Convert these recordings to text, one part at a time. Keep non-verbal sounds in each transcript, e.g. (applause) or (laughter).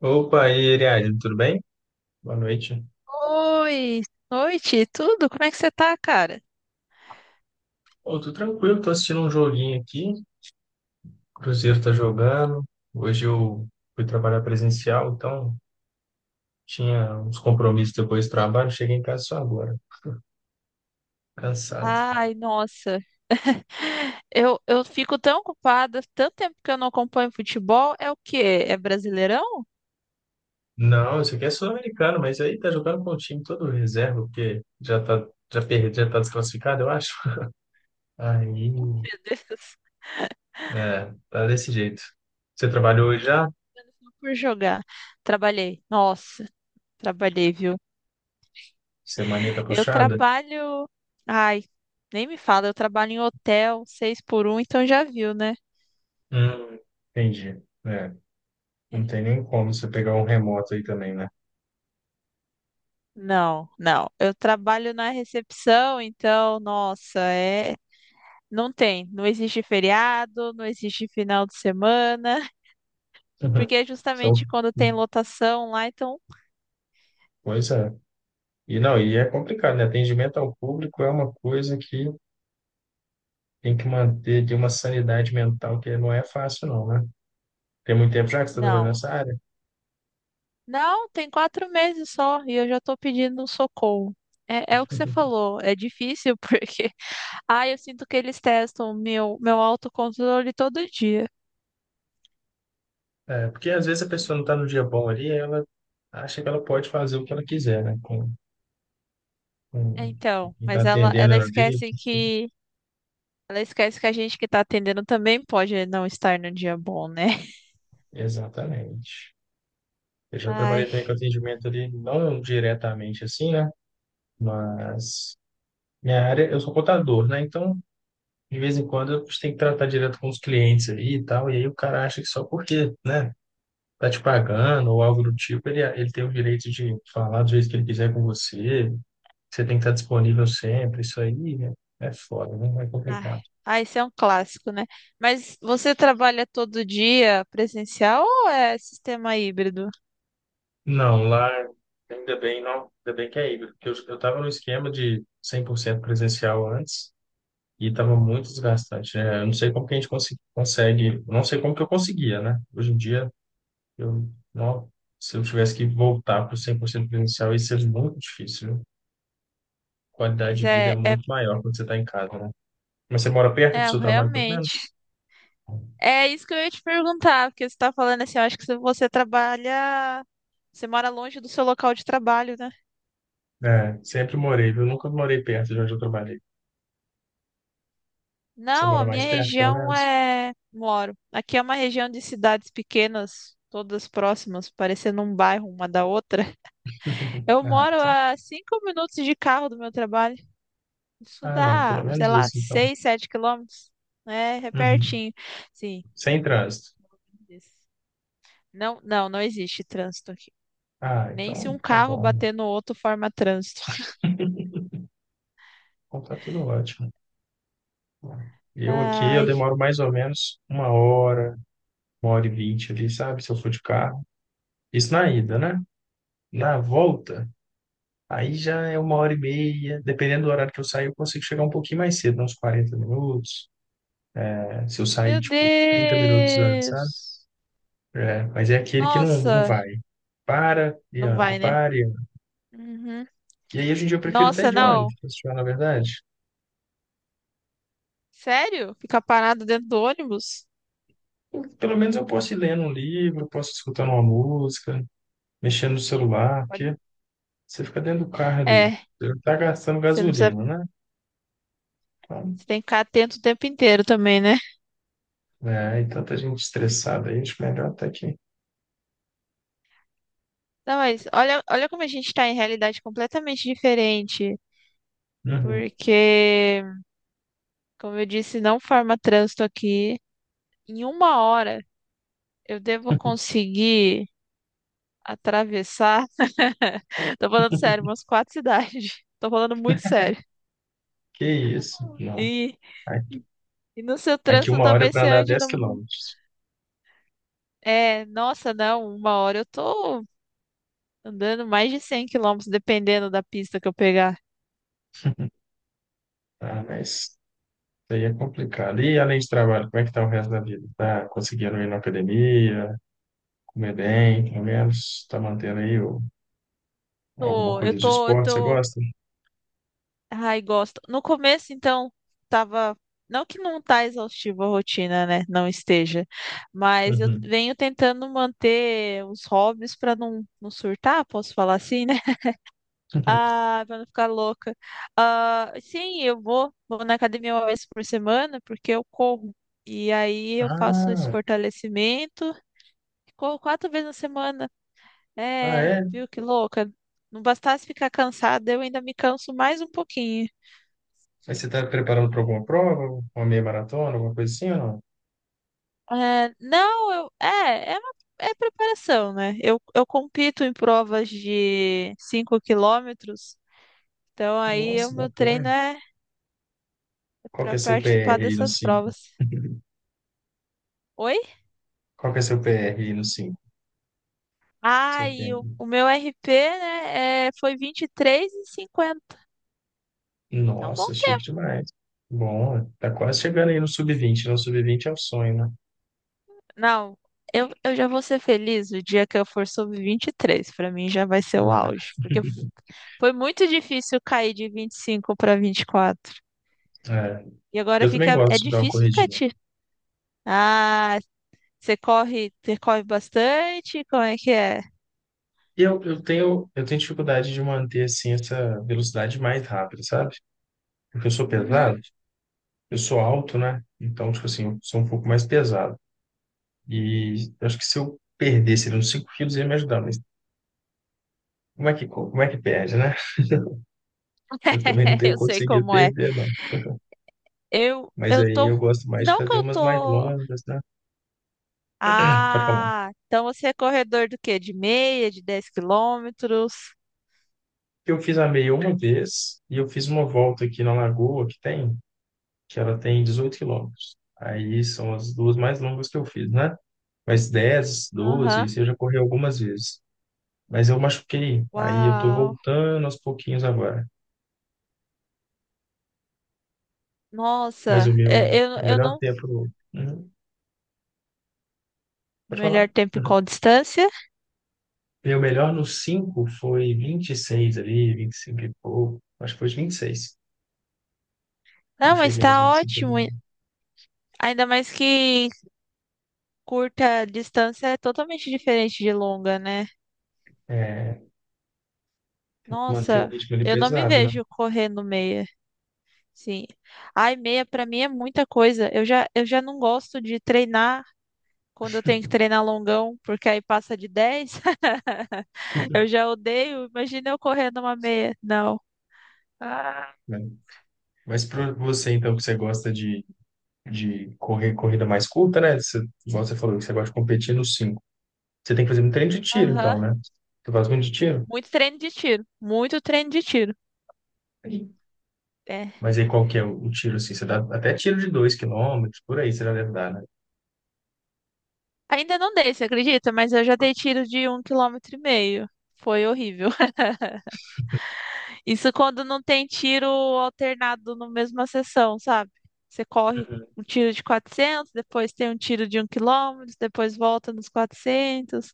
Opa, e aí, Ariadne, tudo bem? Boa noite. Oi, noite, tudo? Como é que você tá, cara? Ô, tô tranquilo, tô assistindo um joguinho aqui. O Cruzeiro tá jogando. Hoje eu fui trabalhar presencial, então tinha uns compromissos depois do trabalho. Cheguei em casa só agora, cansado. Ai, nossa. (laughs) Eu fico tão ocupada, tanto tempo que eu não acompanho futebol. É o quê? É Brasileirão? Não, isso aqui é sul-americano, mas aí tá jogando com o time todo reserva, porque já tá, já perde, já tá desclassificado, eu acho. (laughs) Aí, Meu Deus, (laughs) é, tá desse jeito. Você trabalhou hoje já? só por jogar. Trabalhei. Nossa, trabalhei, viu? Semaninha tá Eu puxada? trabalho. Ai, nem me fala, eu trabalho em hotel, seis por um, então já viu, né? Hum, entendi. É. Não É. tem nem como você pegar um remoto aí também, né? Não, não. Eu trabalho na recepção, então, nossa, é. Não tem, não existe feriado, não existe final de semana, (laughs) Uhum. porque é justamente São- quando tem lotação lá, então Pois é. E não, e é complicado, né? Atendimento ao público é uma coisa que tem que manter de uma sanidade mental que não é fácil, não, né? Tem muito tempo já que você está trabalhando não. nessa área. Não, tem 4 meses só e eu já tô pedindo um socorro. É, é o que você falou, é difícil (laughs) porque, ah, eu sinto que eles testam meu autocontrole todo dia. É, porque às vezes a pessoa Juro. não está no dia bom ali, ela acha que ela pode fazer o que ela quiser, né? Com Então, quem está mas atendendo ali, o que for. Ela esquece que a gente que tá atendendo também pode não estar no dia bom, né? (laughs) Exatamente. Eu já trabalhei Ai. também com atendimento ali, não diretamente assim, né? Mas minha área, eu sou contador, né? Então, de vez em quando, eu tenho que tratar direto com os clientes aí e tal. E aí o cara acha que só porque, né, tá te pagando ou algo do tipo, ele tem o direito de falar do jeito que ele quiser com você. Você tem que estar disponível sempre. Isso aí né, é foda, né? É Ai, complicado. ah, esse é um clássico, né? Mas você trabalha todo dia presencial ou é sistema híbrido? Não, lá, ainda bem, não. Ainda bem que é híbrido. Porque eu tava no esquema de 100% presencial antes. E estava muito desgastante, né? Eu não sei como que a gente consegue, eu não sei como que eu conseguia, né? Hoje em dia eu, não, se eu tivesse que voltar para o 100% presencial, ia ser muito difícil, viu? Qualidade Mas de vida é muito maior quando você está em casa, né? Mas você mora perto do é seu trabalho, pelo realmente. menos? É isso que eu ia te perguntar, porque você está falando assim, eu acho que se você trabalha, você mora longe do seu local de trabalho, né? É, sempre morei, viu? Nunca morei perto de onde eu trabalhei. Você Não, a mora mais minha perto, pelo região menos? é. Moro. Aqui é uma região de cidades pequenas, todas próximas, parecendo um bairro uma da outra. (laughs) Eu Ah, moro então. a 5 minutos de carro do meu trabalho. Isso Ah, não, dá, pelo sei menos lá, isso, então. 6, 7 quilômetros. É, é Uhum. pertinho. Sim. Sem trânsito. Isso. Não, não, não existe trânsito aqui. Ah, Nem se então um tá carro bom. bater no outro forma trânsito. Então tá tudo ótimo. Eu aqui, eu Ai, demoro mais ou menos uma hora e vinte ali, sabe? Se eu for de carro. Isso na ida, né? Na volta, aí já é uma hora e meia. Dependendo do horário que eu sair, eu consigo chegar um pouquinho mais cedo, uns 40 minutos. É, se eu sair, meu tipo, 30 minutos antes, sabe? Deus! É, mas é aquele que não, não Nossa, vai. Para e não anda, vai, né? para e anda. Uhum. E aí, hoje em dia, eu prefiro até Nossa, de ônibus, não. pra você falar na verdade. Sério? Ficar parado dentro do ônibus? Pelo menos eu posso ir lendo um livro, posso escutando uma música, mexendo no celular, Pode- porque você fica dentro do carro ali. É, Você não tá gastando você não precisa. gasolina, né? Então, Você tem que ficar atento o tempo inteiro também, né? é, e tanta gente estressada aí, acho melhor até que. Não, mas olha, olha como a gente tá em realidade completamente diferente. Uhum. Porque como eu disse, não forma trânsito aqui. Em uma hora eu devo (laughs) conseguir atravessar. (laughs) Tô falando sério, umas quatro cidades. (laughs) Tô falando muito sério. Que isso? Não. E, e no seu Aqui trânsito uma hora talvez para você andar ande 10 num... quilômetros. É, nossa, não, uma hora eu tô andando mais de 100 quilômetros, dependendo da pista que eu pegar. Tá? Mas isso aí é complicado. E além de trabalho, como é que tá o resto da vida? Tá conseguindo ir na academia, comer bem, pelo menos? Tá mantendo aí o- alguma Tô, eu coisa de tô, eu esporte? Você tô gosta? Ai, gosto. No começo, então, tava. Não que não tá exaustiva a rotina, né? Não esteja. Mas eu Uhum. venho tentando manter os hobbies para não surtar, posso falar assim, né? (laughs) (laughs) Ah, para não ficar louca. Ah, sim, eu vou, vou na academia uma vez por semana, porque eu corro. E aí eu faço esse Ah, fortalecimento. Corro quatro vezes na semana. ah, É, é? viu que louca? Não bastasse ficar cansada, eu ainda me canso mais um pouquinho. Mas você tá preparando para alguma prova? Uma meia maratona, alguma coisa assim ou não? É, não, eu, é, é, uma- é preparação, né? Eu compito em provas de 5 quilômetros, então aí o Nossa, meu treino bacana. é Qual para que é seu participar PR aí no dessas 5? provas. (laughs) Oi? Qual que é seu PR aí no 5? Ah, Seu e o, tempo. o meu RP, né, é, foi vinte e três e cinquenta. Então, bom Nossa, chique tempo. demais. Bom, tá quase chegando aí no sub-20, né? O sub-20 é o sonho, né? Não, eu já vou ser feliz o dia que eu for sub 23. Para mim já vai ser o Ah, auge, é, porque (laughs) foi muito difícil cair de 25 para 24. E quatro. é, E agora eu também fica, é gosto de dar uma difícil ficar corridinha. tirando. Ah, Você corre bastante? Como é que é? E eu tenho, eu tenho dificuldade de manter, assim, essa velocidade mais rápida, sabe? Porque eu sou Uhum. pesado, eu sou alto, né? Então, tipo assim, eu sou um pouco mais pesado. E eu acho que se eu perdesse ali uns 5 quilos, ia me ajudar. Mas como é que, como é que perde, né? Eu também não (laughs) tenho Eu sei conseguido como é. perder, não. Eu, Mas eu aí tô. eu um- gosto mais de Não que fazer eu umas mais tô. longas, né? Pode falar. Ah, então você é corredor do quê? De meia, de 10 quilômetros? Eu fiz a meia uma vez e eu fiz uma volta aqui na lagoa que tem, que ela tem 18 quilômetros. Aí são as duas mais longas que eu fiz, né? Mas 10, 12, Aham. isso eu já corri algumas vezes. Mas eu machuquei, aí eu tô Uau. voltando aos pouquinhos agora. Mas Nossa, o meu, é, eu, meu eu melhor não. tempo. Uhum, pode falar? Melhor tempo e qual (laughs) distância? Meu melhor no 5 foi 26 ali, 25 e cinco e pouco. Acho que foi os 26. Não Não, mas cheguei nos tá 25 ali. ótimo. Ainda mais que curta distância é totalmente diferente de longa, né? É, tem que manter o Nossa, ritmo ali eu não me pesado, vejo correndo meia. Sim. Ai, meia pra mim é muita coisa. Eu já não gosto de treinar quando eu tenho que treinar longão, porque aí passa de 10. (laughs) Eu já odeio. Imagina eu correndo uma meia. Não. Ah, né? Mas para você, então, que você gosta de correr corrida mais curta, né? Você, igual você falou, que você gosta de competir nos 5. Você tem que fazer muito treino de tiro, aham. então, né? Você faz muito de tiro? Muito treino de tiro. Muito treino de tiro. Sim. É. Mas aí qual que é o tiro, assim? Você dá até tiro de 2 quilômetros por aí você já deve dar, né? Ainda não dei, você acredita? Mas eu já dei tiro de um quilômetro e meio. Foi horrível. Isso quando não tem tiro alternado na mesma sessão, sabe? Você corre Uhum. um tiro de 400, depois tem um tiro de um quilômetro, depois volta nos 400.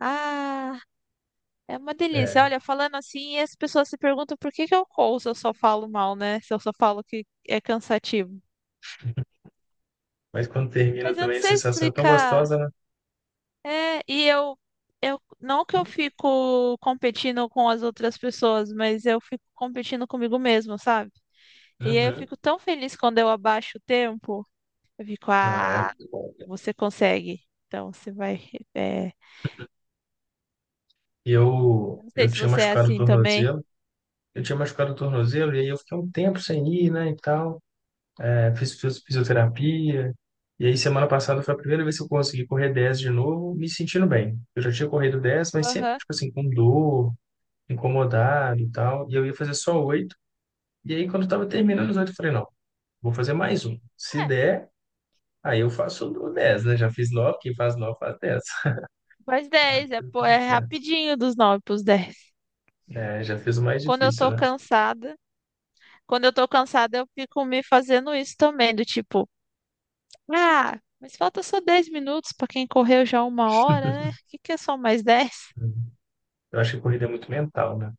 Ah, é uma delícia. É, Olha, falando assim, as pessoas se perguntam por que que eu corro se eu só falo mal, né? Se eu só falo que é cansativo. mas quando termina Mas eu não também a sei sensação é tão explicar. gostosa, né? É, e eu não que eu fico competindo com as outras pessoas, mas eu fico competindo comigo mesmo, sabe? E aí eu Uhum. fico tão feliz quando eu abaixo o tempo. Eu fico, Ah, é ah, muito bom. você consegue. Então você vai. é, E Eu eu, não sei eu se tinha você é machucado o assim também. tornozelo. Eu tinha machucado o tornozelo e aí eu fiquei um tempo sem ir, né, e tal. Fiz fisioterapia. E aí, semana passada foi a primeira vez que eu consegui correr 10 de novo, me sentindo bem. Eu já tinha corrido 10 mas sempre, Aham. tipo assim, com dor, incomodado e tal. E eu ia fazer só oito. E aí, quando eu tava terminando Uhum. os 8 eu falei, não, vou fazer mais um. Se É, der, aí eu faço o você 10 né? Já fiz nove, quem faz 9 faz dez. faz 10 é, (laughs) pô, Tudo é certo. rapidinho dos 9 pros 10. É, já fiz o mais Quando eu difícil, tô né? cansada, quando eu tô cansada, eu fico me fazendo isso também, do tipo, ah, mas falta só 10 minutos pra quem correu já uma hora, né? O que que é só mais dez. Eu acho que corrida é muito mental, né?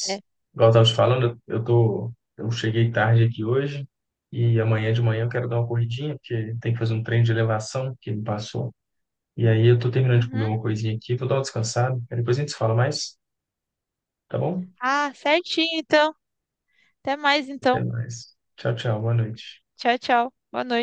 É. igual eu tava te falando, eu tô, eu cheguei tarde aqui hoje e amanhã de manhã eu quero dar uma corridinha, porque tem que fazer um treino de elevação que me passou. E aí eu tô terminando de comer Uhum. uma coisinha aqui, vou dar uma descansada, aí depois a gente se fala mais, tá bom? Ah, certinho então. Até mais então. Até mais. Tchau, tchau, boa noite. Tchau, tchau. Boa noite.